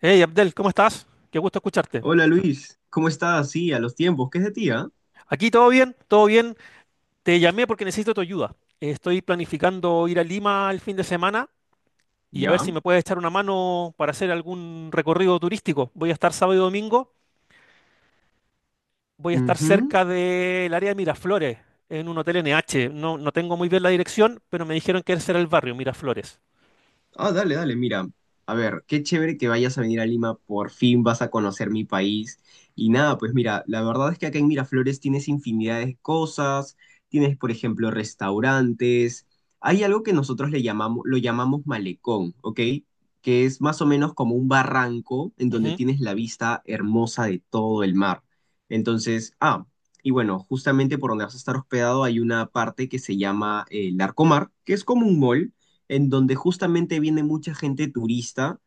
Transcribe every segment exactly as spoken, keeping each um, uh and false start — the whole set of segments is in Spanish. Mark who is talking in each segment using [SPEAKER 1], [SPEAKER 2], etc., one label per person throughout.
[SPEAKER 1] Hey Abdel, ¿cómo estás? Qué gusto escucharte.
[SPEAKER 2] Hola Luis, ¿cómo estás? Sí, a los tiempos, ¿qué es de ti, ah?
[SPEAKER 1] Aquí todo bien, todo bien. Te llamé porque necesito tu ayuda. Estoy planificando ir a Lima el fin de semana y a ver
[SPEAKER 2] Ya.
[SPEAKER 1] si me puedes echar una mano para hacer algún recorrido turístico. Voy a estar sábado y domingo, voy a estar
[SPEAKER 2] Ujú.
[SPEAKER 1] cerca del área de Miraflores, en un hotel N H. No, no tengo muy bien la dirección, pero me dijeron que ese era el barrio, Miraflores.
[SPEAKER 2] Ah, dale, dale, mira. A ver, qué chévere que vayas a venir a Lima, por fin vas a conocer mi país. Y nada, pues mira, la verdad es que acá en Miraflores tienes infinidad de cosas, tienes, por ejemplo, restaurantes. Hay algo que nosotros le llamamos, lo llamamos malecón, ¿ok? Que es más o menos como un barranco en donde
[SPEAKER 1] Ujú.
[SPEAKER 2] tienes la vista hermosa de todo el mar. Entonces, ah, y bueno, justamente por donde vas a estar hospedado hay una parte que se llama eh, el Arcomar, que es como un mall en donde justamente viene mucha gente turista,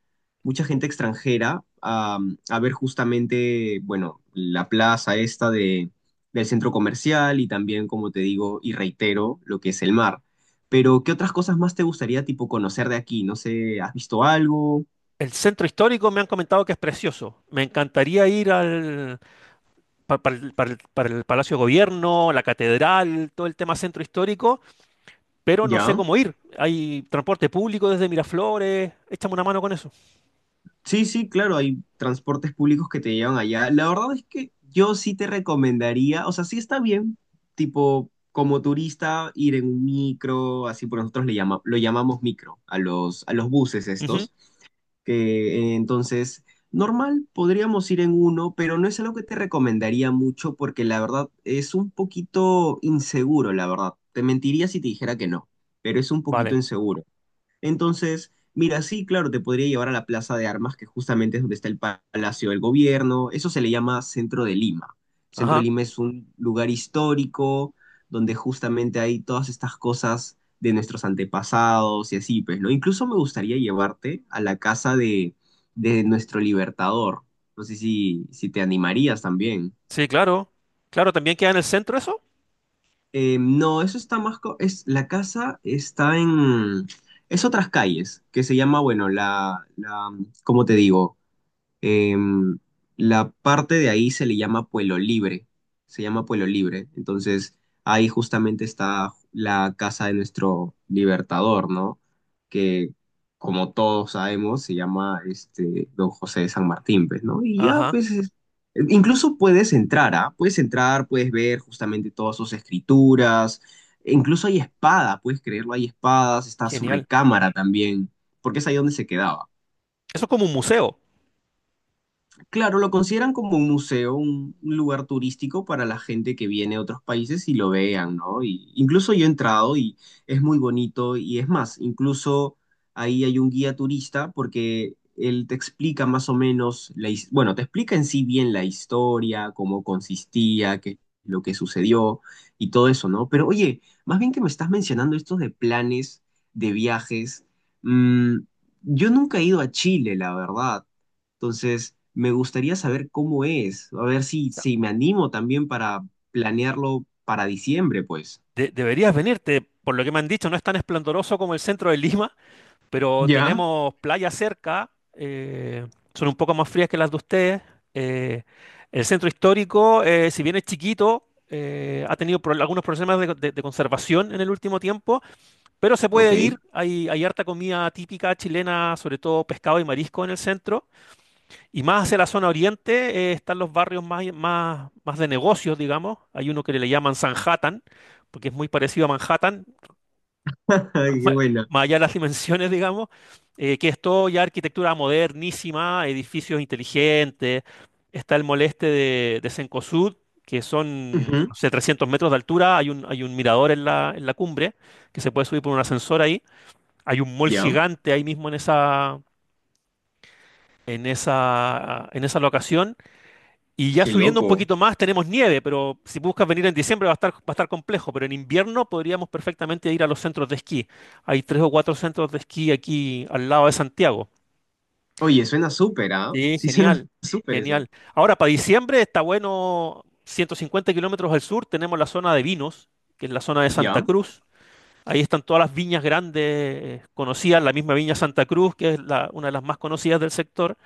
[SPEAKER 2] mucha gente extranjera a, a ver justamente, bueno, la plaza esta de, del centro comercial y también, como te digo y reitero, lo que es el mar. Pero, ¿qué otras cosas más te gustaría, tipo, conocer de aquí? No sé, ¿has visto algo?
[SPEAKER 1] El centro histórico me han comentado que es precioso. Me encantaría ir al, pa- para, el, para el- para el Palacio de Gobierno, la catedral, todo el tema centro histórico, pero no sé
[SPEAKER 2] ¿Ya?
[SPEAKER 1] cómo ir. Hay transporte público desde Miraflores, échame una mano con eso.
[SPEAKER 2] Sí, sí, claro, hay transportes públicos que te llevan allá. La verdad es que yo sí te recomendaría, o sea, sí está bien, tipo, como turista, ir en un micro, así por nosotros le llama, lo llamamos micro, a los, a los buses
[SPEAKER 1] Ujú.
[SPEAKER 2] estos, que eh, entonces, normal, podríamos ir en uno, pero no es algo que te recomendaría mucho porque la verdad es un poquito inseguro, la verdad. Te mentiría si te dijera que no, pero es un poquito
[SPEAKER 1] Vale,
[SPEAKER 2] inseguro. Entonces, mira, sí, claro, te podría llevar a la Plaza de Armas, que justamente es donde está el Palacio del Gobierno. Eso se le llama Centro de Lima. Centro de
[SPEAKER 1] ajá,
[SPEAKER 2] Lima es un lugar histórico donde justamente hay todas estas cosas de nuestros antepasados y así, pues, ¿no? Incluso me gustaría llevarte a la casa de, de nuestro libertador. No sé si, si te animarías también.
[SPEAKER 1] sí, claro. Claro, ¿también queda en el centro eso?
[SPEAKER 2] Eh, no, eso está más... co- Es, la casa está en... Es otras calles, que se llama, bueno, la, la, ¿cómo te digo? Eh, la parte de ahí se le llama Pueblo Libre, se llama Pueblo Libre. Entonces, ahí justamente está la casa de nuestro libertador, ¿no? Que, como todos sabemos, se llama este Don José de San Martín, pues, ¿no? Y ya,
[SPEAKER 1] Ajá,
[SPEAKER 2] pues, es- incluso puedes entrar, ¿ah? Puedes entrar, puedes ver justamente todas sus escrituras. E incluso hay espada, puedes creerlo, hay espadas, está su
[SPEAKER 1] genial.
[SPEAKER 2] recámara también, porque es ahí donde se quedaba.
[SPEAKER 1] Eso es como un museo. O
[SPEAKER 2] Claro, lo consideran como un museo, un un lugar turístico para la gente que viene de otros países y lo vean, ¿no? Y incluso yo he entrado y es muy bonito y es más, incluso ahí hay un guía turista porque él te explica más o menos, la, his- bueno, te explica en sí bien la historia, cómo consistía, qué lo que sucedió y todo eso, ¿no? Pero oye, más bien que me estás mencionando estos de planes, de viajes, mm, yo nunca he ido a Chile, la verdad. Entonces, me gustaría saber cómo es, a ver si,
[SPEAKER 1] sea,
[SPEAKER 2] si me animo también para planearlo para diciembre, pues.
[SPEAKER 1] de- deberías venirte, por lo que me han dicho, no es tan esplendoroso como el centro de Lima, pero
[SPEAKER 2] Ya,
[SPEAKER 1] tenemos playas cerca, eh, son un poco más frías que las de ustedes. eh, el centro histórico, eh, si bien es chiquito, eh, ha tenido pro- algunos problemas de, de- de conservación en el último tiempo, pero se
[SPEAKER 2] ok.
[SPEAKER 1] puede ir. Hay, hay harta comida típica chilena, sobre todo pescado y marisco en el centro. Y más hacia la zona oriente eh, están los barrios más, más, más de negocios, digamos. Hay uno que le llaman Sanhattan, porque es muy parecido a Manhattan,
[SPEAKER 2] Ay, qué
[SPEAKER 1] ma-
[SPEAKER 2] buena.
[SPEAKER 1] más allá de las dimensiones, digamos, eh, que es todo ya arquitectura modernísima, edificios inteligentes, está el moleste de, de Cencosud, que son,
[SPEAKER 2] Ujú,
[SPEAKER 1] no sé, trescientos metros de altura, hay un, hay un mirador en la, en la cumbre, que se puede subir por un ascensor ahí, hay un mall
[SPEAKER 2] ya,
[SPEAKER 1] gigante ahí mismo en esa, en esa, en esa locación, y ya
[SPEAKER 2] qué
[SPEAKER 1] subiendo un
[SPEAKER 2] loco.
[SPEAKER 1] poquito más tenemos nieve, pero si buscas venir en diciembre va a estar, va a estar complejo, pero en invierno podríamos perfectamente ir a los centros de esquí. Hay tres o cuatro centros de esquí aquí al lado de Santiago.
[SPEAKER 2] Oye, suena súper, ¿ah?
[SPEAKER 1] Sí,
[SPEAKER 2] Sí, suena
[SPEAKER 1] genial,
[SPEAKER 2] súper
[SPEAKER 1] genial.
[SPEAKER 2] eso.
[SPEAKER 1] Ahora, para diciembre está bueno, ciento cincuenta kilómetros al sur tenemos la zona de vinos, que es la zona de Santa
[SPEAKER 2] Ya,
[SPEAKER 1] Cruz. Ahí están todas las viñas grandes eh, conocidas, la misma viña Santa Cruz, que es la- una de las más conocidas del sector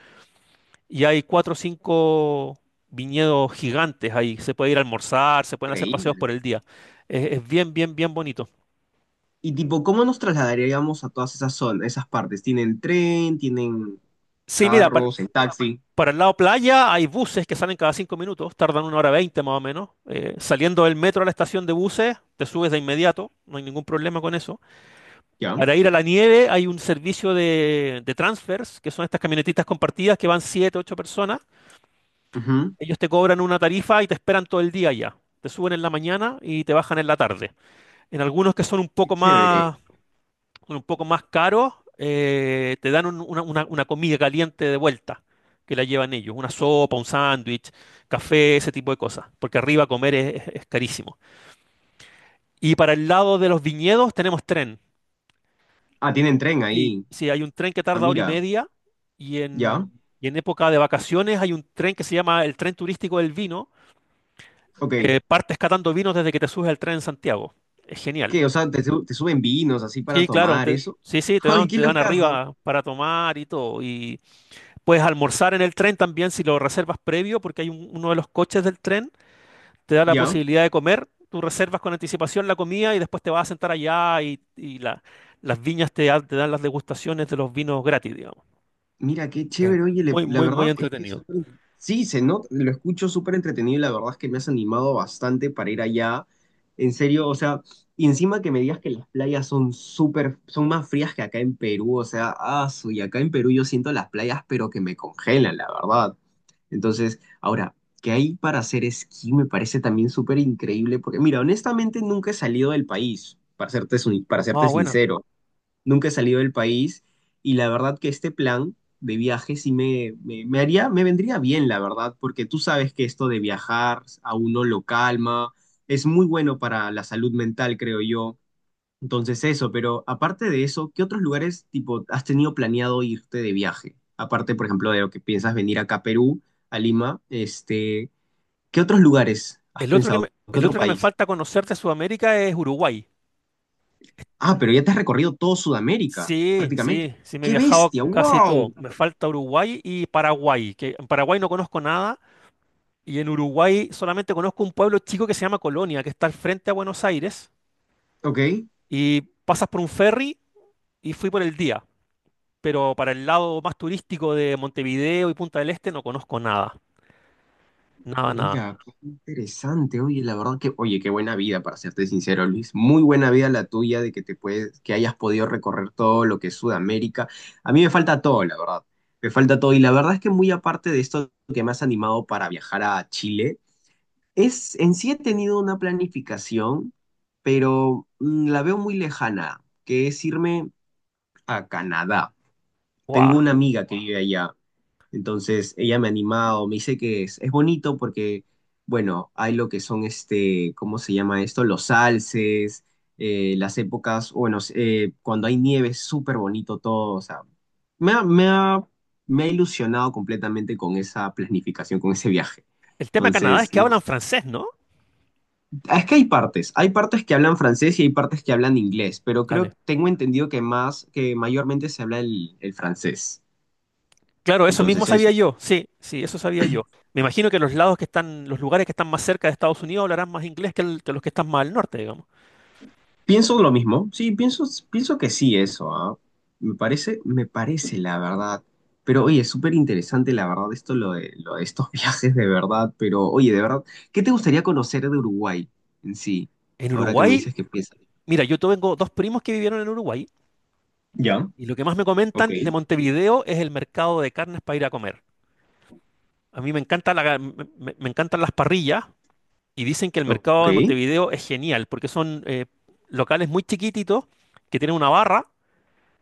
[SPEAKER 1] y hay cuatro o cinco viñedos gigantes ahí. Se puede ir a almorzar, se pueden hacer paseos
[SPEAKER 2] increíble.
[SPEAKER 1] por el día. Es, es bien, bien, bien bonito.
[SPEAKER 2] Y tipo, ¿cómo nos trasladaríamos a todas esas zonas, esas partes? ¿Tienen tren? ¿Tienen
[SPEAKER 1] Sí, mira, par-
[SPEAKER 2] carros? ¿En taxi?
[SPEAKER 1] para, el lado playa hay buses que salen cada cinco minutos, tardan una hora veinte más o menos. Eh, saliendo del metro a la estación de buses, te subes de inmediato, no hay ningún problema con eso.
[SPEAKER 2] Ya,
[SPEAKER 1] Para ir a la nieve hay un servicio de, de transfers, que son estas camionetitas compartidas que van siete, ocho personas.
[SPEAKER 2] ujú,
[SPEAKER 1] Ellos te cobran una tarifa y te esperan todo el día allá. Te suben en la mañana y te bajan en la tarde. En algunos que son un
[SPEAKER 2] qué
[SPEAKER 1] poco
[SPEAKER 2] chévere.
[SPEAKER 1] más, un poco más caros, eh, te dan un- una, una- una comida caliente de vuelta, que la llevan ellos, una sopa, un sándwich, café, ese tipo de cosas, porque arriba comer es, es es carísimo. Y para el lado de los viñedos tenemos tren.
[SPEAKER 2] Ah, tienen tren
[SPEAKER 1] Sí,
[SPEAKER 2] ahí.
[SPEAKER 1] sí, hay un tren que
[SPEAKER 2] Ah,
[SPEAKER 1] tarda hora y
[SPEAKER 2] mira.
[SPEAKER 1] media y
[SPEAKER 2] Ya,
[SPEAKER 1] en, y en época de vacaciones hay un tren que se llama el tren turístico del vino,
[SPEAKER 2] ok.
[SPEAKER 1] que partes catando vinos desde que te subes al tren en Santiago. Es genial.
[SPEAKER 2] ¿Qué? O sea, te, su- te suben vinos así para
[SPEAKER 1] Sí, claro,
[SPEAKER 2] tomar
[SPEAKER 1] te-
[SPEAKER 2] eso.
[SPEAKER 1] sí, sí, te dan,
[SPEAKER 2] Ay, qué
[SPEAKER 1] te dan
[SPEAKER 2] locazo.
[SPEAKER 1] arriba para tomar y todo. Y puedes almorzar en el tren también si lo reservas previo, porque hay un- uno de los coches del tren, te da la
[SPEAKER 2] ¿Ya?
[SPEAKER 1] posibilidad de comer. Tú reservas con anticipación la comida y después te vas a sentar allá y, y la- las viñas te, dan te dan las degustaciones de los vinos gratis, digamos.
[SPEAKER 2] Mira, qué
[SPEAKER 1] Es
[SPEAKER 2] chévere, oye, le-
[SPEAKER 1] muy,
[SPEAKER 2] la
[SPEAKER 1] muy, muy
[SPEAKER 2] verdad es que es
[SPEAKER 1] entretenido.
[SPEAKER 2] súper... Sí, se nota, lo escucho súper entretenido y la verdad es que me has animado bastante para ir allá. En serio, o sea, y encima que me digas que las playas son súper, son más frías que acá en Perú, o sea, ah, su- y acá en Perú yo siento las playas, pero que me congelan, la verdad. Entonces, ahora, ¿qué hay para hacer esquí? Me parece también súper increíble, porque mira, honestamente nunca he salido del país, para serte, sin- para serte
[SPEAKER 1] Ah, bueno.
[SPEAKER 2] sincero nunca he salido del país y la verdad que este plan de viaje sí me, me, me haría, me vendría bien, la verdad, porque tú sabes que esto de viajar a uno lo calma, es muy bueno para la salud mental, creo yo. Entonces eso, pero aparte de eso, ¿qué otros lugares tipo has tenido planeado irte de viaje? Aparte, por ejemplo, de lo que piensas venir acá a Perú, a Lima, este, ¿qué otros lugares has
[SPEAKER 1] El otro que me,
[SPEAKER 2] pensado? ¿Qué
[SPEAKER 1] el
[SPEAKER 2] otro
[SPEAKER 1] otro que me
[SPEAKER 2] país?
[SPEAKER 1] falta conocer de Sudamérica es Uruguay.
[SPEAKER 2] Ah, pero ya te has recorrido todo Sudamérica,
[SPEAKER 1] Sí,
[SPEAKER 2] prácticamente.
[SPEAKER 1] sí, sí, me he
[SPEAKER 2] ¡Qué
[SPEAKER 1] viajado
[SPEAKER 2] bestia!
[SPEAKER 1] casi todo.
[SPEAKER 2] ¡Wow!
[SPEAKER 1] Me falta Uruguay y Paraguay, que en Paraguay no conozco nada y en Uruguay solamente conozco un pueblo chico que se llama Colonia, que está al frente a Buenos Aires
[SPEAKER 2] Ok.
[SPEAKER 1] y pasas por un ferry y fui por el día, pero para el lado más turístico de Montevideo y Punta del Este no conozco nada, nada, nada.
[SPEAKER 2] Mira, qué interesante. Oye, la verdad que, oye, qué buena vida, para serte sincero, Luis. Muy buena vida la tuya de que te puedes, que hayas podido recorrer todo lo que es Sudamérica. A mí me falta todo, la verdad. Me falta todo. Y la verdad es que muy aparte de esto que me has animado para viajar a Chile, es, en sí he tenido una planificación, pero mm, la veo muy lejana, que es irme a Canadá. Tengo
[SPEAKER 1] ¡Guau!
[SPEAKER 2] una amiga que vive allá entonces ella me ha animado, me dice que es, es bonito porque, bueno, hay lo que son este, ¿cómo se llama esto? Los alces, eh, las épocas, bueno, eh, cuando hay nieve es súper bonito todo, o sea, me ha, me ha, me ha ilusionado completamente con esa planificación, con ese viaje.
[SPEAKER 1] El tema de Canadá es
[SPEAKER 2] Entonces,
[SPEAKER 1] que
[SPEAKER 2] no,
[SPEAKER 1] hablan francés, ¿no?
[SPEAKER 2] es que hay partes, hay partes que hablan francés y hay partes que hablan inglés, pero creo,
[SPEAKER 1] Dale.
[SPEAKER 2] tengo entendido que más, que mayormente se habla el, el francés.
[SPEAKER 1] Claro, eso mismo
[SPEAKER 2] Entonces,
[SPEAKER 1] sabía yo. Sí, sí, eso sabía yo. Me imagino que los lados que están, los lugares que están más cerca de Estados Unidos hablarán más inglés que, el- que los que están más al norte, digamos.
[SPEAKER 2] pienso lo mismo, sí, pienso, pienso que sí eso, ¿ah? Me parece, me parece la verdad. Pero oye, es súper interesante la verdad esto, lo de, lo de estos viajes de verdad, pero oye, de verdad, ¿qué te gustaría conocer de Uruguay en sí?
[SPEAKER 1] En
[SPEAKER 2] Ahora que me
[SPEAKER 1] Uruguay,
[SPEAKER 2] dices que piensas.
[SPEAKER 1] mira, yo tengo dos primos que vivieron en Uruguay
[SPEAKER 2] Ya,
[SPEAKER 1] y lo que más me
[SPEAKER 2] ok,
[SPEAKER 1] comentan de Montevideo es el mercado de carnes para ir a comer. A mí me encanta la, me, me- me encantan las parrillas y dicen que el mercado
[SPEAKER 2] ok.
[SPEAKER 1] de Montevideo es genial porque son eh, locales muy chiquititos que tienen una barra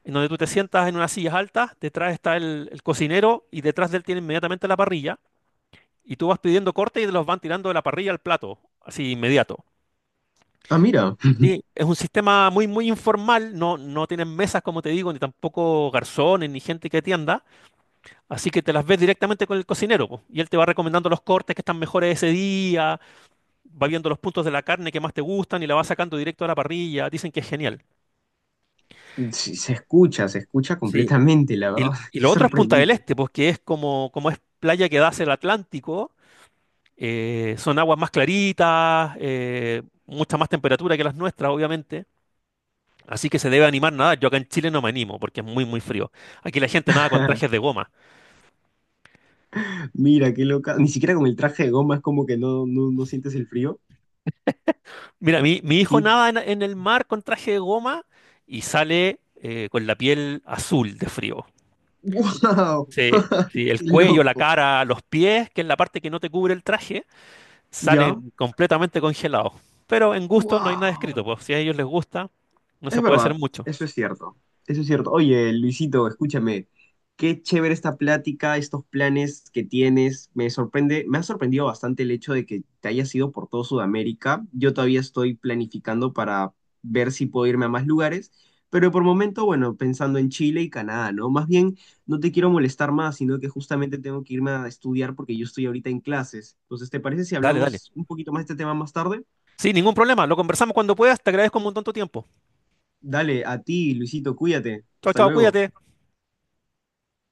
[SPEAKER 1] en donde tú te sientas en unas sillas altas, detrás está el el cocinero y detrás de él tiene inmediatamente la parrilla y tú vas pidiendo cortes y te los van tirando de la parrilla al plato, así inmediato.
[SPEAKER 2] Ah, mira,
[SPEAKER 1] Sí, es un sistema muy, muy informal, no, no tienen mesas, como te digo, ni tampoco garzones, ni gente que atienda, así que te las ves directamente con el cocinero, po, y él te va recomendando los cortes que están mejores ese día, va viendo los puntos de la carne que más te gustan y la va sacando directo a la parrilla, dicen que es genial.
[SPEAKER 2] sí, se escucha, se escucha
[SPEAKER 1] Sí,
[SPEAKER 2] completamente, la verdad,
[SPEAKER 1] Y, y
[SPEAKER 2] qué
[SPEAKER 1] lo otro es Punta del
[SPEAKER 2] sorprendente.
[SPEAKER 1] Este, pues que es como, como es playa que da hacia el Atlántico, eh, son aguas más claritas, eh, mucha más temperatura que las nuestras, obviamente. Así que se debe animar nada. Yo acá en Chile no me animo porque es muy, muy frío. Aquí la gente nada con trajes de goma.
[SPEAKER 2] Mira, qué loca, ni siquiera con el traje de goma es como que no, no, no sientes el frío.
[SPEAKER 1] Mira, mi, mi hijo
[SPEAKER 2] Qué...
[SPEAKER 1] nada en, en el mar con traje de goma y sale eh, con la piel azul de frío.
[SPEAKER 2] ¡Wow!
[SPEAKER 1] Sí, sí, el
[SPEAKER 2] ¡Qué
[SPEAKER 1] cuello, la
[SPEAKER 2] loco!
[SPEAKER 1] cara, los pies, que es la parte que no te cubre el traje, salen
[SPEAKER 2] Ya.
[SPEAKER 1] completamente congelados. Pero en gusto no hay nada escrito,
[SPEAKER 2] Wow.
[SPEAKER 1] pues si a ellos les gusta, no
[SPEAKER 2] Es
[SPEAKER 1] se puede hacer
[SPEAKER 2] verdad,
[SPEAKER 1] mucho.
[SPEAKER 2] eso es cierto. Eso es cierto. Oye, Luisito, escúchame. Qué chévere esta plática, estos planes que tienes. Me sorprende, me ha sorprendido bastante el hecho de que te hayas ido por todo Sudamérica. Yo todavía estoy planificando para ver si puedo irme a más lugares, pero por momento, bueno, pensando en Chile y Canadá, ¿no? Más bien, no te quiero molestar más, sino que justamente tengo que irme a estudiar porque yo estoy ahorita en clases. Entonces, ¿te parece si
[SPEAKER 1] Dale, dale.
[SPEAKER 2] hablamos un poquito más de este tema más tarde?
[SPEAKER 1] Sí, ningún problema. Lo conversamos cuando puedas. Te agradezco un montón tu tiempo.
[SPEAKER 2] Dale, a ti, Luisito, cuídate.
[SPEAKER 1] Chao,
[SPEAKER 2] Hasta
[SPEAKER 1] chao,
[SPEAKER 2] luego.
[SPEAKER 1] cuídate.